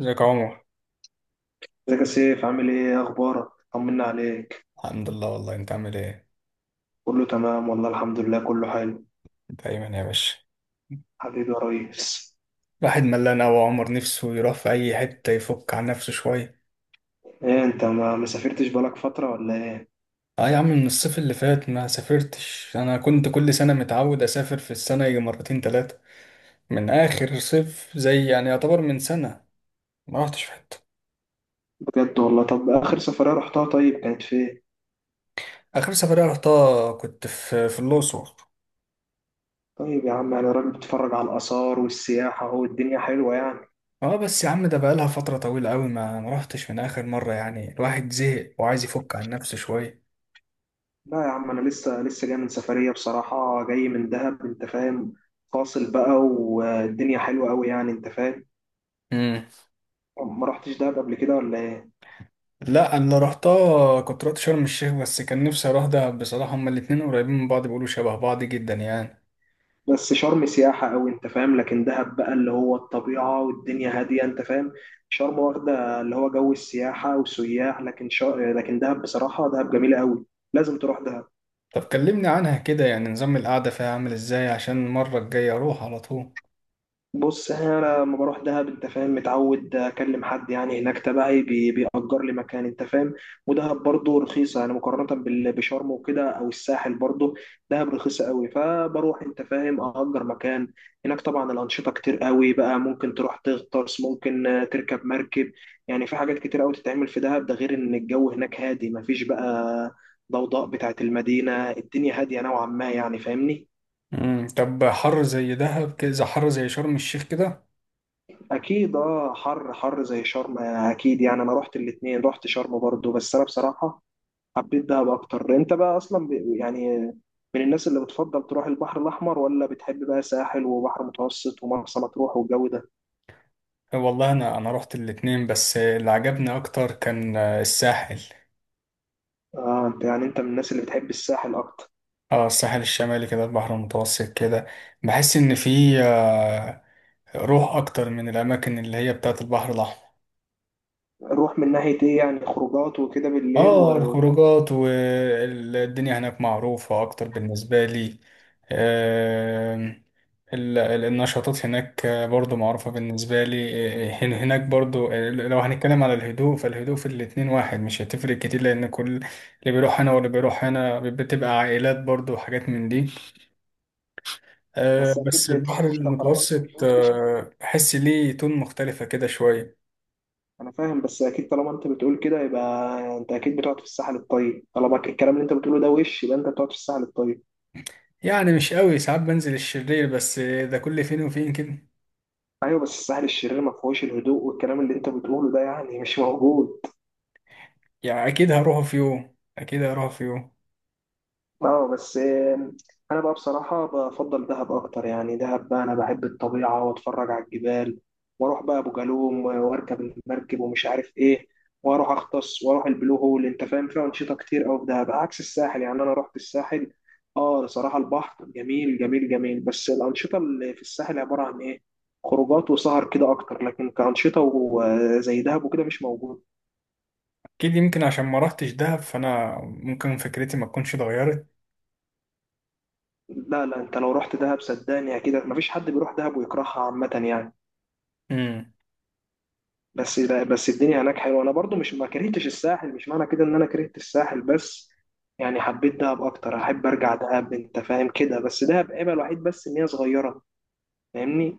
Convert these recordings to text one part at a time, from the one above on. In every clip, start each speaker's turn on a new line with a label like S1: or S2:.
S1: ازيك يا عمر؟
S2: ازيك يا سيف؟ عامل ايه؟ إيه اخبارك؟ طمنا عليك.
S1: الحمد لله، والله انت عامل ايه؟
S2: كله تمام والله، الحمد لله كله حلو.
S1: دايما يا باشا.
S2: حبيبي يا ريس.
S1: الواحد ملان أوي يا عمر، نفسه يروح في أي حتة يفك عن نفسه شوية.
S2: ايه انت ما سافرتش بقالك فترة ولا ايه؟
S1: اه يا عم، من الصيف اللي فات ما سافرتش. أنا كنت كل سنة متعود أسافر في السنة يجي مرتين تلاتة. من آخر صيف زي يعني يعتبر من سنة ما رحتش في حتة.
S2: بجد والله؟ طب اخر سفرية رحتها طيب كانت فين؟
S1: آخر سفرية رحتها كنت في الأقصر.
S2: طيب يا عم انا راجل بتفرج على الاثار والسياحة، اهو الدنيا حلوة يعني.
S1: اه بس يا عم، ده بقالها فترة طويلة أوي ما رحتش من آخر مرة، يعني الواحد زهق وعايز يفك عن نفسه شوية.
S2: لا يا عم انا لسه جاي من سفرية بصراحة، جاي من دهب انت فاهم، فاصل بقى والدنيا حلوة قوي يعني انت فاهم. ما رحتش دهب قبل كده ولا ايه؟
S1: لا انا رحتها، كنت رحت شرم الشيخ، بس كان نفسي اروح دهب بصراحه. هما الاتنين قريبين من بعض، بيقولوا شبه بعض جدا يعني.
S2: بس شرم سياحة أوي أنت فاهم، لكن دهب بقى اللي هو الطبيعة والدنيا هادية أنت فاهم. شرم واخدة اللي هو جو السياحة وسياح، لكن دهب بصراحة، دهب جميلة أوي. لازم تروح دهب.
S1: طب كلمني عنها كده، يعني نظام القعده فيها عامل ازاي عشان المره الجايه اروح على طول؟
S2: بص، يعني انا لما بروح دهب انت فاهم متعود اكلم حد يعني هناك تبعي بيأجر لي مكان انت فاهم. ودهب برضه رخيصه يعني مقارنه بشرم وكده او الساحل برضه. دهب رخيصه قوي، فبروح انت فاهم اأجر مكان هناك. طبعا الانشطه كتير قوي بقى، ممكن تروح تغطس، ممكن تركب مركب، يعني في حاجات كتير قوي تتعمل في دهب، ده غير ان الجو هناك هادي، مفيش بقى ضوضاء بتاعت المدينه، الدنيا هاديه نوعا ما يعني فاهمني.
S1: طب حر زي دهب كده، حر زي شرم الشيخ كده؟
S2: اكيد اه، حر حر زي شرم اكيد يعني، انا رحت الاتنين، رحت شرم برضو، بس انا بصراحة حبيت دهب اكتر. انت بقى اصلا يعني من الناس اللي بتفضل تروح البحر الاحمر، ولا بتحب بقى ساحل وبحر متوسط ومرسى مطروح والجو ده؟
S1: أه، والله انا رحت الاتنين، بس اللي عجبني اكتر كان الساحل.
S2: اه انت يعني انت من الناس اللي بتحب الساحل اكتر.
S1: اه، الساحل الشمالي كده، البحر المتوسط كده. بحس ان فيه روح اكتر من الاماكن اللي هي بتاعت البحر الاحمر.
S2: روح من ناحية ايه يعني؟ خروجات وكده بالليل
S1: اه،
S2: و...
S1: الخروجات والدنيا هناك معروفة اكتر بالنسبة لي. آم، النشاطات هناك برضو معروفة بالنسبة لي. هناك برضو. لو هنتكلم على الهدوء، فالهدوء في الاتنين واحد، مش هتفرق كتير، لان كل اللي بيروح هنا واللي بيروح هنا بتبقى عائلات برضو وحاجات من دي.
S2: بس اكيد
S1: بس البحر
S2: طالما انت
S1: المتوسط
S2: بتقول كده،
S1: بحس ليه تون مختلفة كده شوية.
S2: انا فاهم، بس اكيد طالما انت بتقول كده يبقى انت اكيد بتقعد في الساحل الطيب، طالما الكلام اللي انت بتقوله ده، وش يبقى انت بتقعد في الساحل الطيب.
S1: يعني مش قوي، ساعات بنزل الشرير، بس ده كل فين وفين كده.
S2: ايوه بس الساحل الشرير ما فيهوش الهدوء، والكلام اللي انت بتقوله ده يعني مش موجود.
S1: يعني اكيد هروح في يوم، اكيد هروح في يوم.
S2: اه بس انا بقى بصراحه بفضل دهب اكتر يعني. دهب بقى انا بحب الطبيعه واتفرج على الجبال، واروح بقى ابو جالوم واركب المركب ومش عارف ايه، واروح اغطس واروح البلو هول انت فاهم. فيها انشطه كتير قوي في دهب عكس الساحل. يعني انا رحت الساحل، اه بصراحه البحر جميل جميل جميل، بس الانشطه اللي في الساحل عباره عن ايه؟ خروجات وسهر كده اكتر، لكن كانشطه زي دهب وكده مش موجود.
S1: اكيد، يمكن عشان ما رحتش دهب فانا ممكن فكرتي ما تكونش اتغيرت.
S2: لا لا، انت لو رحت دهب صدقني اكيد مفيش حد بيروح دهب ويكرهها عامة يعني.
S1: امم
S2: بس لا، بس الدنيا هناك حلوة، انا برضو مش ما كرهتش الساحل، مش معنى كده ان انا كرهت الساحل، بس يعني حبيت دهب اكتر، احب ارجع دهب انت فاهم كده، بس دهب عيبها الوحيد بس ان هي صغيرة، فاهمني.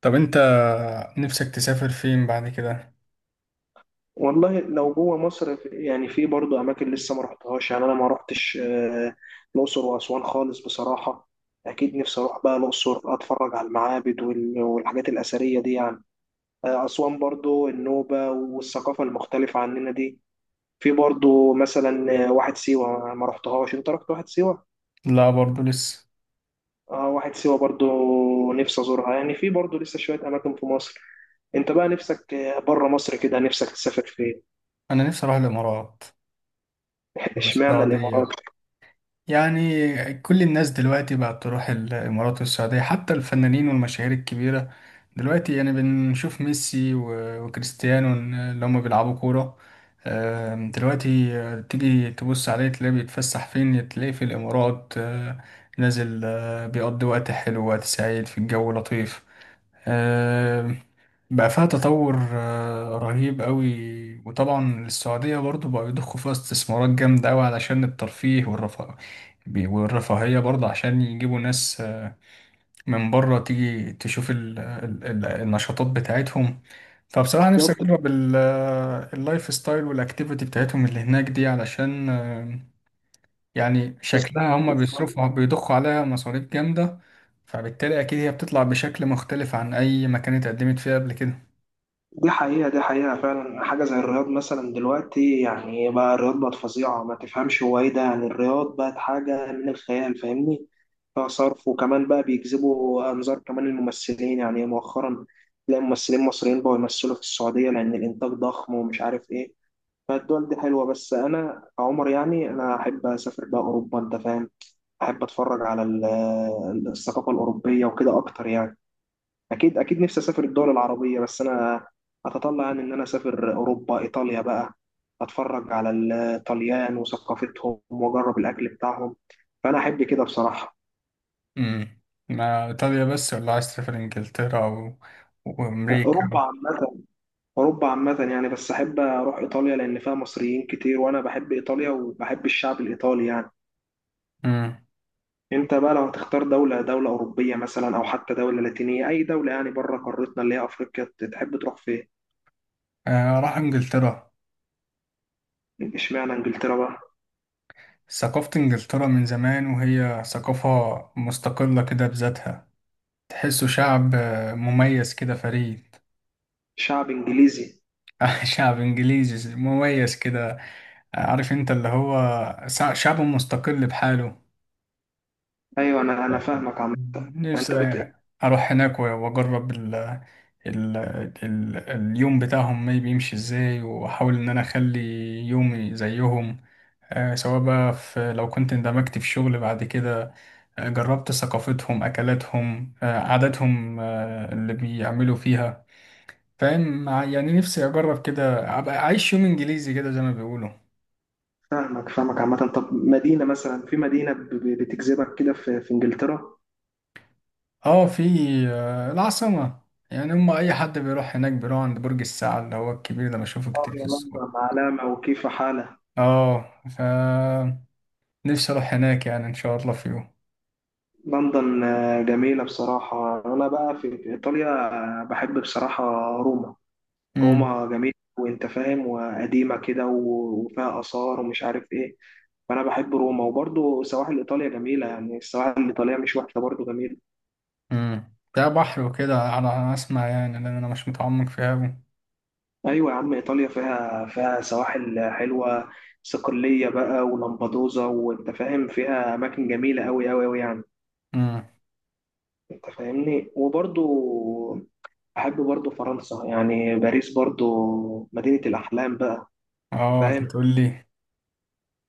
S1: طب انت نفسك تسافر فين بعد كده؟
S2: والله لو جوه مصر يعني في برضو اماكن لسه ما رحتهاش، يعني انا ما رحتش الاقصر واسوان خالص بصراحة. اكيد نفسي اروح بقى الاقصر، اتفرج على المعابد وال- والحاجات الاثرية دي يعني. أسوان برضو النوبة والثقافة المختلفة عننا دي. في برضو مثلا واحد سيوة ما رحتهاش، انت رحت واحد سيوة؟
S1: لا، برضو لسه.
S2: اه، واحد سيوة برضو نفسي أزورها يعني، في برضو لسه شوية أماكن في مصر. انت بقى نفسك بره مصر كده نفسك تسافر فين؟
S1: انا نفسي اروح الامارات
S2: اشمعنى الإمارات؟
S1: والسعودية. يعني كل الناس دلوقتي بقت تروح الإمارات والسعودية، حتى الفنانين والمشاهير الكبيرة. دلوقتي يعني بنشوف ميسي و- وكريستيانو اللي هم بيلعبوا كورة. دلوقتي تيجي تبص عليه تلاقيه بيتفسح فين، تلاقيه في الإمارات، نازل، بيقضي وقت حلو، وقت سعيد، في الجو لطيف. آه، بقى فيها تطور رهيب قوي. وطبعا السعودية برضو بقوا يضخوا فيها استثمارات جامدة قوي علشان الترفيه والرفاه، والرفاهية برضه عشان يجيبوا ناس من بره تيجي تشوف ال النشاطات بتاعتهم. فبصراحة نفسي أجرب اللايف ستايل والأكتيفيتي بتاعتهم اللي هناك دي، علشان يعني شكلها هم
S2: بالظبط.
S1: بيصرفوا بيضخوا عليها مصاريف جامدة. فبالتالي أكيد هي بتطلع بشكل مختلف عن أي مكان اتقدمت فيه قبل كده.
S2: دي حقيقة، دي حقيقة فعلا، حاجة زي الرياض مثلا دلوقتي يعني، بقى الرياض بقت فظيعة، ما تفهمش هو ايه ده يعني، الرياض بقت حاجة من الخيال فاهمني. فيها صرف، وكمان بقى بيجذبوا أنظار كمان الممثلين يعني مؤخرا، تلاقي ممثلين مصريين بقوا يمثلوا في السعودية لأن الإنتاج ضخم ومش عارف ايه. فالدول دي حلوة، بس أنا كعمر يعني أنا أحب أسافر بقى أوروبا أنت فاهم. أحب أتفرج على الثقافة الأوروبية وكده أكتر يعني. اكيد اكيد نفسي اسافر الدول العربيه، بس انا اتطلع يعني ان انا اسافر اوروبا، ايطاليا بقى، اتفرج على الطليان وثقافتهم واجرب الاكل بتاعهم، فانا احب كده بصراحه.
S1: امم ما إيطاليا بس، ولا عايز تسافر إنجلترا و...
S2: اوروبا
S1: وأمريكا؟
S2: عامه. اوروبا عامه يعني، بس احب اروح ايطاليا لان فيها مصريين كتير، وانا بحب ايطاليا وبحب الشعب الايطالي يعني.
S1: امم
S2: انت بقى لو هتختار دوله اوروبيه مثلا، او حتى دوله لاتينيه، اي دوله يعني بره قارتنا اللي هي افريقيا، تحب تروح فين؟
S1: آه، راح إنجلترا.
S2: اشمعنى انجلترا بقى؟
S1: ثقافة إنجلترا من زمان، وهي ثقافة مستقلة كده بذاتها. تحسه شعب مميز كده، فريد.
S2: شعب انجليزي.
S1: شعب إنجليزي مميز كده. عارف أنت اللي هو شعب مستقل بحاله.
S2: ايوه، انا فاهمك عم. انت
S1: نفسي أروح هناك و- وأجرب ال ال اليوم بتاعهم ما بيمشي إزاي، وأحاول إن أنا أخلي يومي زيهم. سواء بقى في، لو كنت اندمجت في شغل بعد كده، جربت ثقافتهم، أكلاتهم، عاداتهم، اللي بيعملوا فيها. فاهم، يعني نفسي أجرب كده، أبقى أعيش يوم إنجليزي كده زي ما بيقولوا.
S2: فاهمك فاهمك عامة. طب مدينة مثلا، في مدينة بتجذبك كده في, في انجلترا؟
S1: اه، في العاصمة. يعني هم أي حد بيروح هناك بيروح عند برج الساعة اللي هو الكبير ده، بشوفه
S2: اه
S1: كتير في
S2: يا
S1: الصور.
S2: لندن علامة وكيف حالة.
S1: اه، نفسي أروح هناك يعني إن شاء الله في يوم.
S2: لندن جميلة بصراحة. انا بقى في في ايطاليا، بحب بصراحة روما.
S1: امم
S2: روما جميلة وانت فاهم، وقديمة كده وفيها آثار ومش عارف ايه، فانا بحب روما. وبرضو سواحل ايطاليا جميلة يعني، السواحل الايطالية مش وحشة، برضو جميلة.
S1: فيها بحر وكده على أنا أسمع، يعني لأن أنا مش متعمق فيها أوي.
S2: ايوه يا عم، ايطاليا فيها فيها سواحل حلوه، صقليه بقى ولمبدوزا وانت فاهم، فيها اماكن جميله قوي قوي قوي يعني.
S1: امم
S2: انت فاهمني. وبرضو احب برضو فرنسا يعني، باريس برضو مدينه الاحلام بقى. أنت
S1: اه، أنت
S2: فاهم،
S1: تقول لي.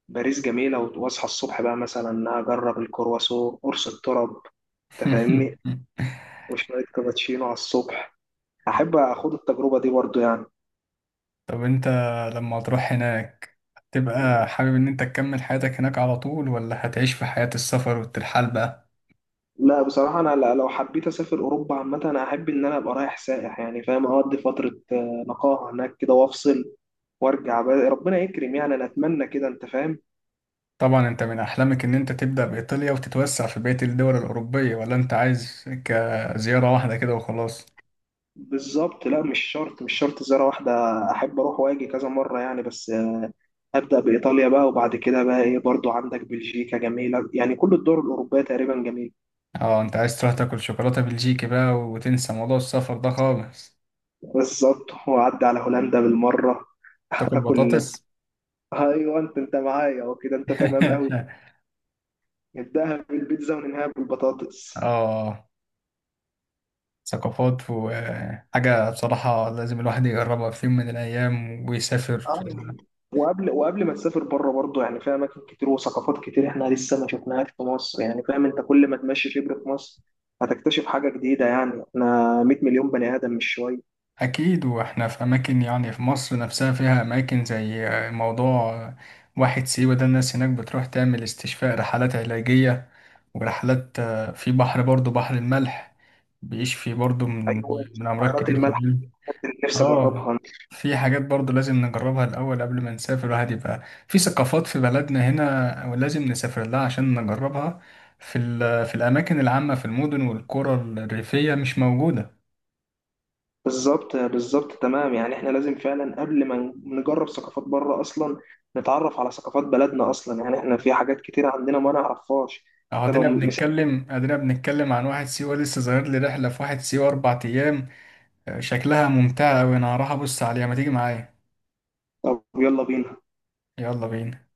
S2: باريس جميله، واصحى الصبح بقى مثلا اجرب الكرواسون قرص الطرب، انت فاهمني، وشويه كابتشينو على الصبح، احب اخد التجربه دي برضو يعني.
S1: طب أنت لما تروح هناك هتبقى حابب إن أنت تكمل حياتك هناك على طول، ولا هتعيش في حياة السفر والترحال بقى؟
S2: لا بصراحة أنا لو حبيت أسافر أوروبا عامة، أنا أحب إن أنا أبقى رايح سائح يعني فاهم، أقضي فترة نقاهة هناك كده وأفصل وأرجع بقى، ربنا يكرم يعني، أنا أتمنى كده أنت فاهم.
S1: طبعا، انت من احلامك ان انت تبدأ بإيطاليا وتتوسع في بقية الدول الأوروبية، ولا انت عايز كزيارة واحدة كده وخلاص؟
S2: بالظبط، لا مش شرط، مش شرط زيارة واحدة، أحب أروح وأجي كذا مرة يعني، بس أبدأ بإيطاليا بقى، وبعد كده بقى إيه، برضو عندك بلجيكا جميلة يعني، كل الدول الأوروبية تقريبا جميلة.
S1: اه، انت عايز تروح تاكل شوكولاتة بلجيكي بقى وتنسى موضوع السفر ده خالص؟
S2: بالظبط، وأعدي على هولندا بالمرة.
S1: تاكل
S2: أكل.
S1: بطاطس.
S2: أيوه، أنت أنت معايا وكده، أنت تمام أوي. نبدأها بالبيتزا وننهاها بالبطاطس.
S1: اه. ثقافات وحاجة بصراحة لازم الواحد يجربها في يوم من الأيام ويسافر.
S2: اه، وقبل ما تسافر بره برضه يعني، في اماكن كتير وثقافات كتير احنا لسه ما شفناهاش في مصر، يعني فاهم انت، كل ما تمشي شبر في مصر هتكتشف حاجه جديده يعني، احنا 100 مليون بني ادم، مش شويه.
S1: أكيد، وإحنا في أماكن، يعني في مصر نفسها فيها أماكن زي موضوع واحد سيوة ده. الناس هناك بتروح تعمل استشفاء، رحلات علاجية، ورحلات في بحر برضو، بحر الملح، بيشفي برضو من
S2: ايوه
S1: من أمراض
S2: البحيرات
S1: كتير في
S2: المالحه
S1: الجلد.
S2: دي اللي نفسي
S1: آه
S2: اجربها.
S1: في حاجات برضو لازم نجربها الأول قبل ما نسافر. الواحد يبقى في ثقافات في بلدنا هنا ولازم نسافر لها عشان نجربها. في الأماكن العامة في المدن والقرى الريفية مش موجودة.
S2: بالظبط بالظبط، تمام يعني، احنا لازم فعلا قبل ما نجرب ثقافات بره، اصلا نتعرف على ثقافات بلدنا اصلا يعني، احنا في حاجات كتير عندنا ما نعرفهاش.
S1: اهو
S2: فلو
S1: ادينا
S2: مثال.
S1: بنتكلم، ادينا بنتكلم عن واحد سيوة، لسه ظاهر لي رحلة في واحد سيوة 4 أيام، شكلها ممتعة أوي. أنا هروح أبص عليها، ما تيجي معايا؟
S2: طب يلا بينا.
S1: يلا بينا.